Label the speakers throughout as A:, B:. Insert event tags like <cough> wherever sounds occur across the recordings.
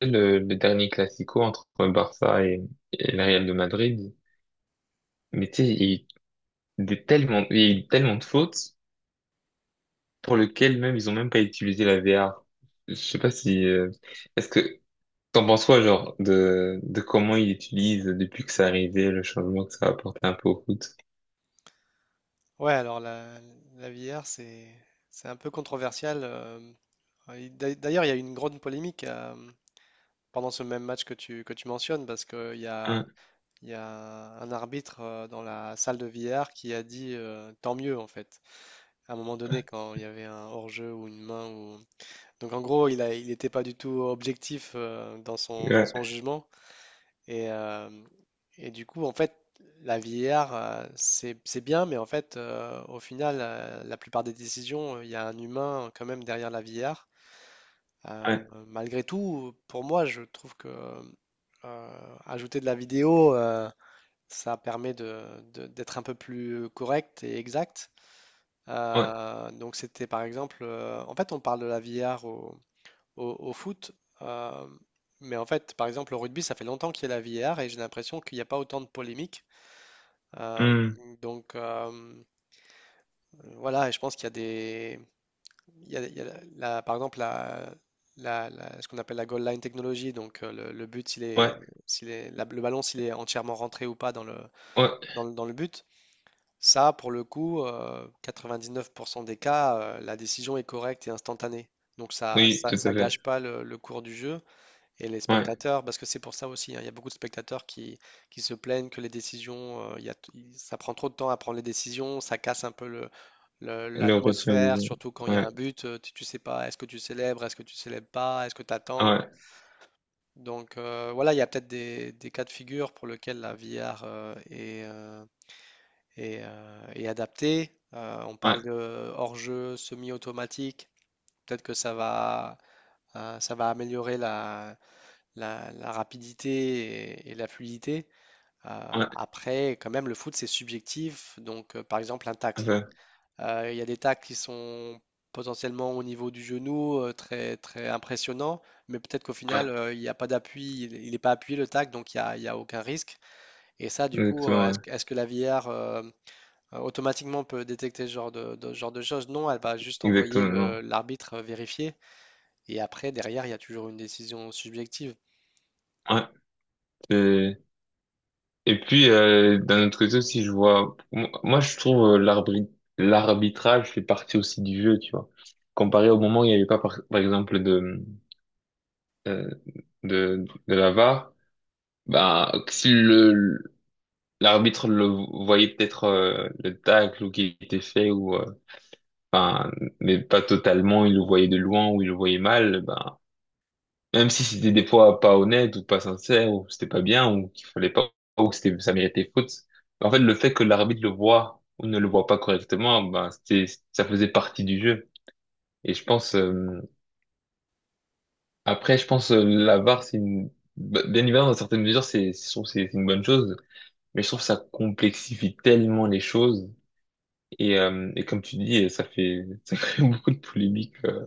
A: Le dernier classico entre Barça et le Real de Madrid. Mais tu sais, il y a eu tellement de fautes pour lesquelles même ils ont même pas utilisé la VAR. Je sais pas si, est-ce que t'en penses quoi, genre, de comment ils utilisent depuis que ça arrivé, le changement que ça a apporté un peu au foot?
B: Ouais, alors la VR, c'est un peu controversial. Et d'ailleurs, il y a eu une grande polémique pendant ce même match que tu mentionnes, parce qu'il y a,
A: Hein,
B: il y a un arbitre dans la salle de VR qui a dit tant mieux, en fait, à un moment donné, quand il y avait un hors-jeu ou une main. Donc, en gros, il n'était pas du tout objectif dans son
A: ouais,
B: jugement. Et, euh, et du coup, en fait, la VAR, c'est bien, mais en fait, au final, la plupart des décisions, il y a un humain quand même derrière la VAR. Euh,
A: ouais,
B: Malgré tout, pour moi, je trouve que ajouter de la vidéo, ça permet de, d'être un peu plus correct et exact.
A: ouais.
B: Donc c'était par exemple, en fait, on parle de la VAR au foot. euh, mais en fait, par exemple, au rugby, ça fait longtemps qu'il y a la VAR et j'ai l'impression qu'il n'y a pas autant de polémiques. Euh,
A: Hmm.
B: donc, voilà, et je pense qu'il y a des, il y a par exemple, ce qu'on appelle la goal line technology. Donc le but,
A: Ouais,
B: le ballon, s'il est entièrement rentré ou pas dans le,
A: ouais,
B: dans le, dans le but. Ça, pour le coup, 99% des cas, la décision est correcte et instantanée. Donc ça,
A: oui,
B: ça,
A: tout à
B: ça
A: fait,
B: gâche pas le cours du jeu. Et les
A: ouais.
B: spectateurs, parce que c'est pour ça aussi, hein, il y a beaucoup de spectateurs qui se plaignent que les décisions, il y a- il- ça prend trop de temps à prendre les décisions, ça casse un peu
A: Le rythme, du
B: l'atmosphère,
A: jeu.
B: surtout quand il y a
A: Ouais,
B: un but, tu sais pas, est-ce que tu célèbres, est-ce que tu célèbres pas, est-ce que tu attends?
A: ouais,
B: Donc voilà, il y a peut-être des cas de figure pour lesquels la VR est adaptée. On parle
A: ouais,
B: de hors-jeu semi-automatique, peut-être que ça va améliorer la rapidité et la fluidité.
A: ouais,
B: Après, quand même, le foot, c'est subjectif. Donc, par exemple, un tacle.
A: enfin,
B: Il y a des tacles qui sont potentiellement au niveau du genou, très, très impressionnants, mais peut-être qu'au final,
A: ouais,
B: il n'y a pas d'appui, il n'est pas appuyé le tacle, donc il y a aucun risque. Et ça, du coup,
A: ouais,
B: est-ce que la VAR automatiquement peut détecter ce genre de, ce genre de choses? Non, elle va juste envoyer
A: exactement,
B: l'arbitre vérifier, et après, derrière, il y a toujours une décision subjective.
A: non. Et, et puis, d'un autre côté aussi, je vois, moi, je trouve, l'arbitrage fait partie aussi du jeu, tu vois. Comparé au moment où il n'y avait pas, par exemple, euh, de la VAR, bah, si l'arbitre le voyait peut-être, le tacle ou qui était fait ou, enfin, mais pas totalement, il le voyait de loin ou il le voyait mal, ben même si c'était des fois pas honnête ou pas sincère ou c'était pas bien ou qu'il fallait pas ou que c'était ça méritait faute. En fait, le fait que l'arbitre le voit ou ne le voit pas correctement, ben c'était ça faisait partie du jeu. Et je pense, après je pense, la VAR c'est une, bien évidemment dans certaines mesures, c'est, je trouve que c'est une bonne chose, mais je trouve que ça complexifie tellement les choses et comme tu dis ça fait <laughs> ça crée beaucoup de polémiques,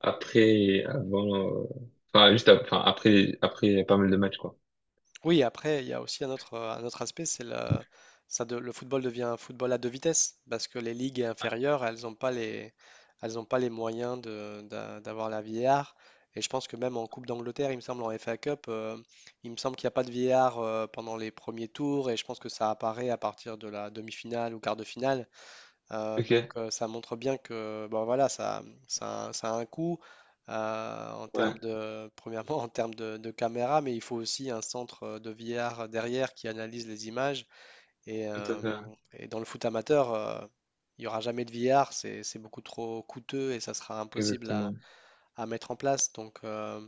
A: après avant, enfin juste enfin, après pas mal de matchs quoi.
B: Oui, après, il y a aussi un autre aspect, c'est le, ça de- le football devient un football à deux vitesses, parce que les ligues inférieures, elles n'ont pas les moyens de, d'avoir la VAR. Et je pense que même en Coupe d'Angleterre, il me semble, en FA Cup, il me semble qu'il n'y a pas de VAR pendant les premiers tours, et je pense que ça apparaît à partir de la demi-finale ou quart de finale. Euh,
A: Ok,
B: donc euh, ça montre bien que bon, voilà, ça a un coût en
A: ouais.
B: termes de, <laughs> premièrement en termes de caméra, mais il faut aussi un centre de VR derrière qui analyse les images. Et,
A: Tout à
B: euh,
A: fait,
B: et dans le foot amateur, il n'y aura jamais de VR, c'est beaucoup trop coûteux et ça sera impossible à,
A: exactement.
B: à mettre en place. Donc,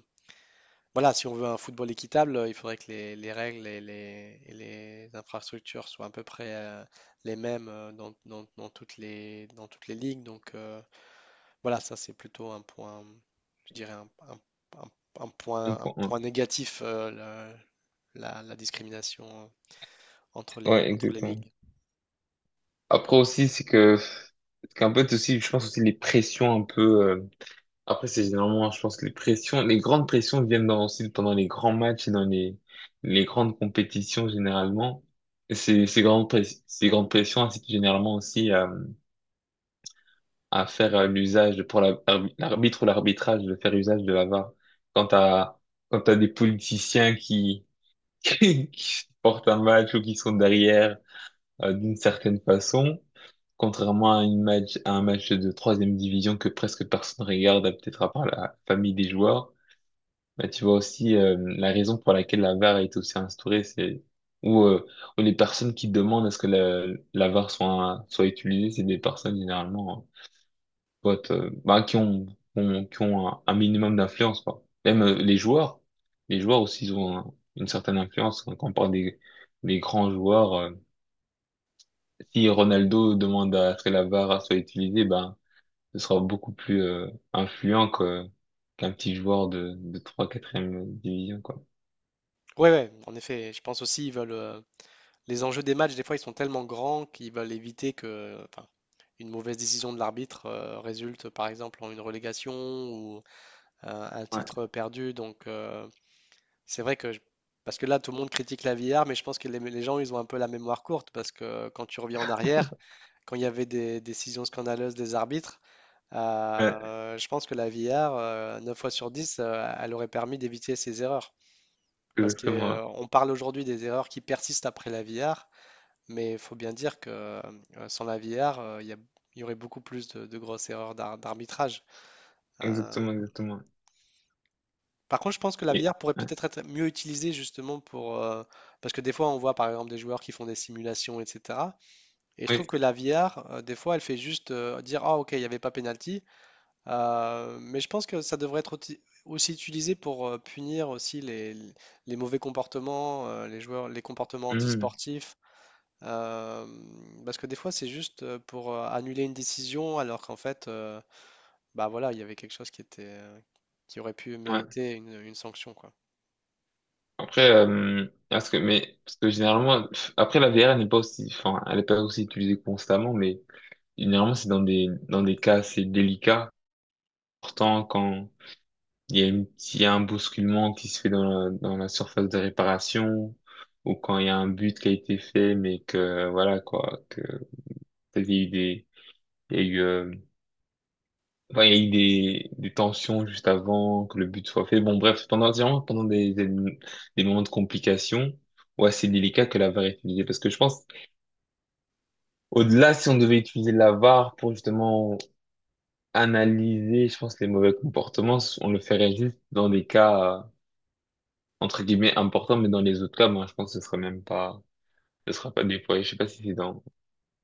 B: voilà, si on veut un football équitable, il faudrait que les règles et les infrastructures soient à peu près les mêmes dans toutes les ligues. Donc, voilà, ça c'est plutôt un point, je dirais un- un
A: Un
B: point, un
A: point, ouais.
B: point négatif, la discrimination entre les,
A: Ouais,
B: entre les
A: exactement.
B: ligues.
A: Après aussi, c'est qu'un peu aussi, je pense aussi les pressions un peu, après c'est généralement, je pense que les pressions, les grandes pressions viennent dans, aussi pendant les grands matchs et dans les grandes compétitions généralement. Et ces grandes pressions incitent généralement aussi à faire, pour l'arbitre ou l'arbitrage de faire usage de la VAR. Quand t'as, quand t'as des politiciens qui, <laughs> qui portent un match ou qui sont derrière, d'une certaine façon, contrairement à un match de troisième division que presque personne regarde, peut-être à part la famille des joueurs. Bah, tu vois aussi, la raison pour laquelle la VAR est aussi instaurée, où, euh, où les personnes qui demandent à ce que la VAR soit utilisée, c'est des personnes généralement, bah, qui qui ont un minimum d'influence, quoi. Même, les joueurs aussi ils ont une certaine influence quand on parle des grands joueurs. Si Ronaldo demande à ce que la VAR soit utilisée, ben, ce sera beaucoup plus, influent qu'un petit joueur de 3 4 e division, quoi.
B: Oui, ouais, ouais, en effet, je pense aussi ils veulent les enjeux des matchs, des fois ils sont tellement grands qu'ils veulent éviter que, enfin, une mauvaise décision de l'arbitre résulte par exemple en une relégation ou un
A: Ouais,
B: titre perdu. Donc, c'est vrai que, parce que là, tout le monde critique la VR, mais je pense que les gens, ils ont un peu la mémoire courte, parce que quand tu reviens en arrière, quand il y avait des décisions scandaleuses des arbitres,
A: ouais,
B: je pense que la VR, 9 fois sur 10 elle aurait permis d'éviter ces erreurs. Parce que,
A: exactement,
B: on parle aujourd'hui des erreurs qui persistent après la VR, mais il faut bien dire que sans la VR, il y aurait beaucoup plus de grosses erreurs d'arbitrage.
A: ouais.
B: Euh,
A: Exactement, exactement.
B: Par contre, je pense que la
A: Et,
B: VR pourrait
A: ouais,
B: peut-être être mieux utilisée justement pour parce que des fois, on voit par exemple des joueurs qui font des simulations, etc. Et je trouve
A: oui,
B: que la VR, des fois, elle fait juste dire, ah ok, il n'y avait pas penalty. Mais je pense que ça devrait être aussi utilisé pour punir aussi les mauvais comportements, les joueurs, les comportements
A: mhm,
B: antisportifs. euh, Parce que des fois, c'est juste pour annuler une décision, alors qu'en fait, bah voilà, il y avait quelque chose qui était, qui aurait pu
A: ouais.
B: mériter une sanction, quoi.
A: Après, parce que généralement, pff, après, la VR n'est pas aussi, enfin, elle n'est pas aussi utilisée constamment, mais généralement, c'est dans dans des cas assez délicats. Pourtant, quand, Il y a une- il y a un bousculement qui se fait dans dans la surface de réparation ou quand il y a un but qui a été fait, mais que voilà quoi, que peut-être il y a eu des, il y a eu, enfin, il y a eu des tensions juste avant que le but soit fait. Bon, bref, pendant vraiment pendant des moments de complication, ouais, c'est délicat que la VAR est utilisée parce que je pense, au-delà, si on devait utiliser la VAR pour justement analyser, je pense, les mauvais comportements, on le ferait juste dans des cas. Entre guillemets important, mais dans les autres cas, moi, je pense que ce sera même pas, ce sera pas déployé. Je sais pas si c'est dans,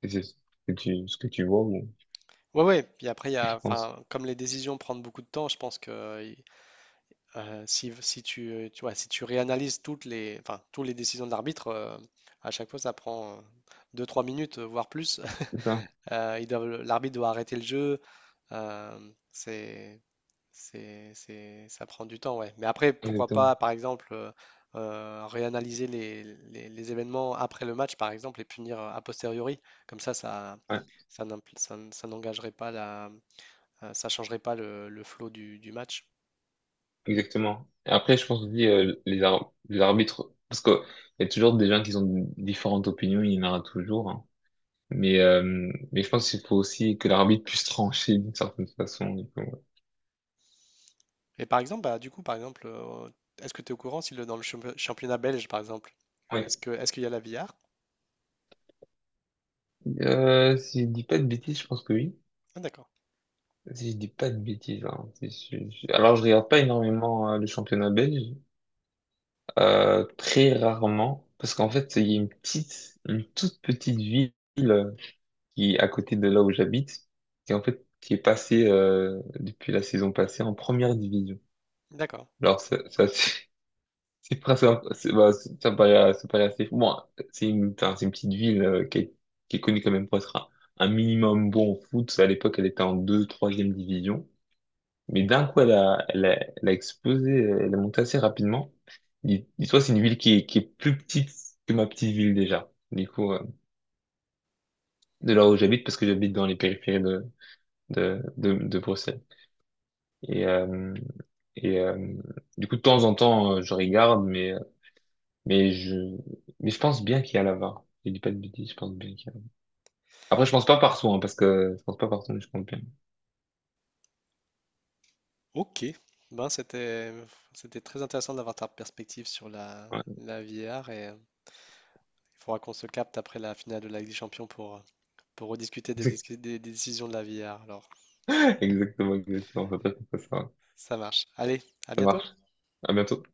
A: si c'est ce ce que tu vois ou
B: Ouais, ouais. Puis après, il y a,
A: tu penses.
B: enfin, comme les décisions prennent beaucoup de temps, je pense que si, si tu, tu vois, si tu réanalyses toutes les, enfin, toutes les décisions de l'arbitre, à chaque fois, ça prend deux trois minutes, voire plus.
A: C'est ça?
B: <laughs> L'arbitre doit arrêter le jeu. euh, c'est, Ça prend du temps, ouais. Mais après, pourquoi
A: Exactement.
B: pas, par exemple, réanalyser les événements après le match, par exemple, et punir a posteriori. Comme ça, ça,
A: Ouais,
B: ça n'imp- ça n- ça n'engagerait pas la ça changerait pas le flow du match.
A: exactement. Et après, je pense aussi, les arbitres, parce que il y a toujours des gens qui ont différentes opinions, il y en aura toujours, hein. Mais, euh, mais je pense qu'il faut aussi que l'arbitre puisse trancher d'une certaine façon. Du coup, ouais.
B: Et par exemple, bah, du coup, par exemple, est-ce que tu es au courant si dans le championnat belge, par exemple,
A: Ouais.
B: est-ce qu'il y a la VR?
A: Si je dis pas de bêtises, je pense que oui.
B: Ah, d'accord,
A: Si je dis pas de bêtises, hein, si je- je- alors je regarde pas énormément, le championnat belge. Très rarement, parce qu'en fait, il y a une toute petite ville, euh, qui est à côté de là où j'habite, qui en fait, qui est passée, depuis la saison passée en première division.
B: d'accord.
A: Alors ça c'est <laughs> c'est presque, un- c'est- bah, ça paraît assez fou. Bon, enfin, c'est une petite ville, qui est connue quand même pour être un, minimum bon au foot. À l'époque, elle était en troisième division. Mais d'un coup, elle a explosé, elle est montée assez rapidement. Dis-toi, c'est une ville qui est plus petite que ma petite ville déjà. Du coup, de là où j'habite, parce que j'habite dans les périphéries de Bruxelles. Et, euh, et euh, du coup, de temps en temps, je regarde, mais je, mais je pense bien qu'il y a la VAR. Je dis pas de bêtises, je pense bien qu'il y a. Après, je pense pas partout, hein, parce que je pense pas partout, mais je compte bien.
B: Ok. Ben, c'était très intéressant d'avoir ta perspective sur la,
A: Ouais.
B: la VR et il faudra qu'on se capte après la finale de la Ligue des Champions pour, pour rediscuter des, discu-
A: <laughs>
B: des décisions de la VR. Alors,
A: Exactement, exactement. Faut pas que
B: ça marche. Allez, à
A: ça
B: bientôt.
A: marche. À bientôt.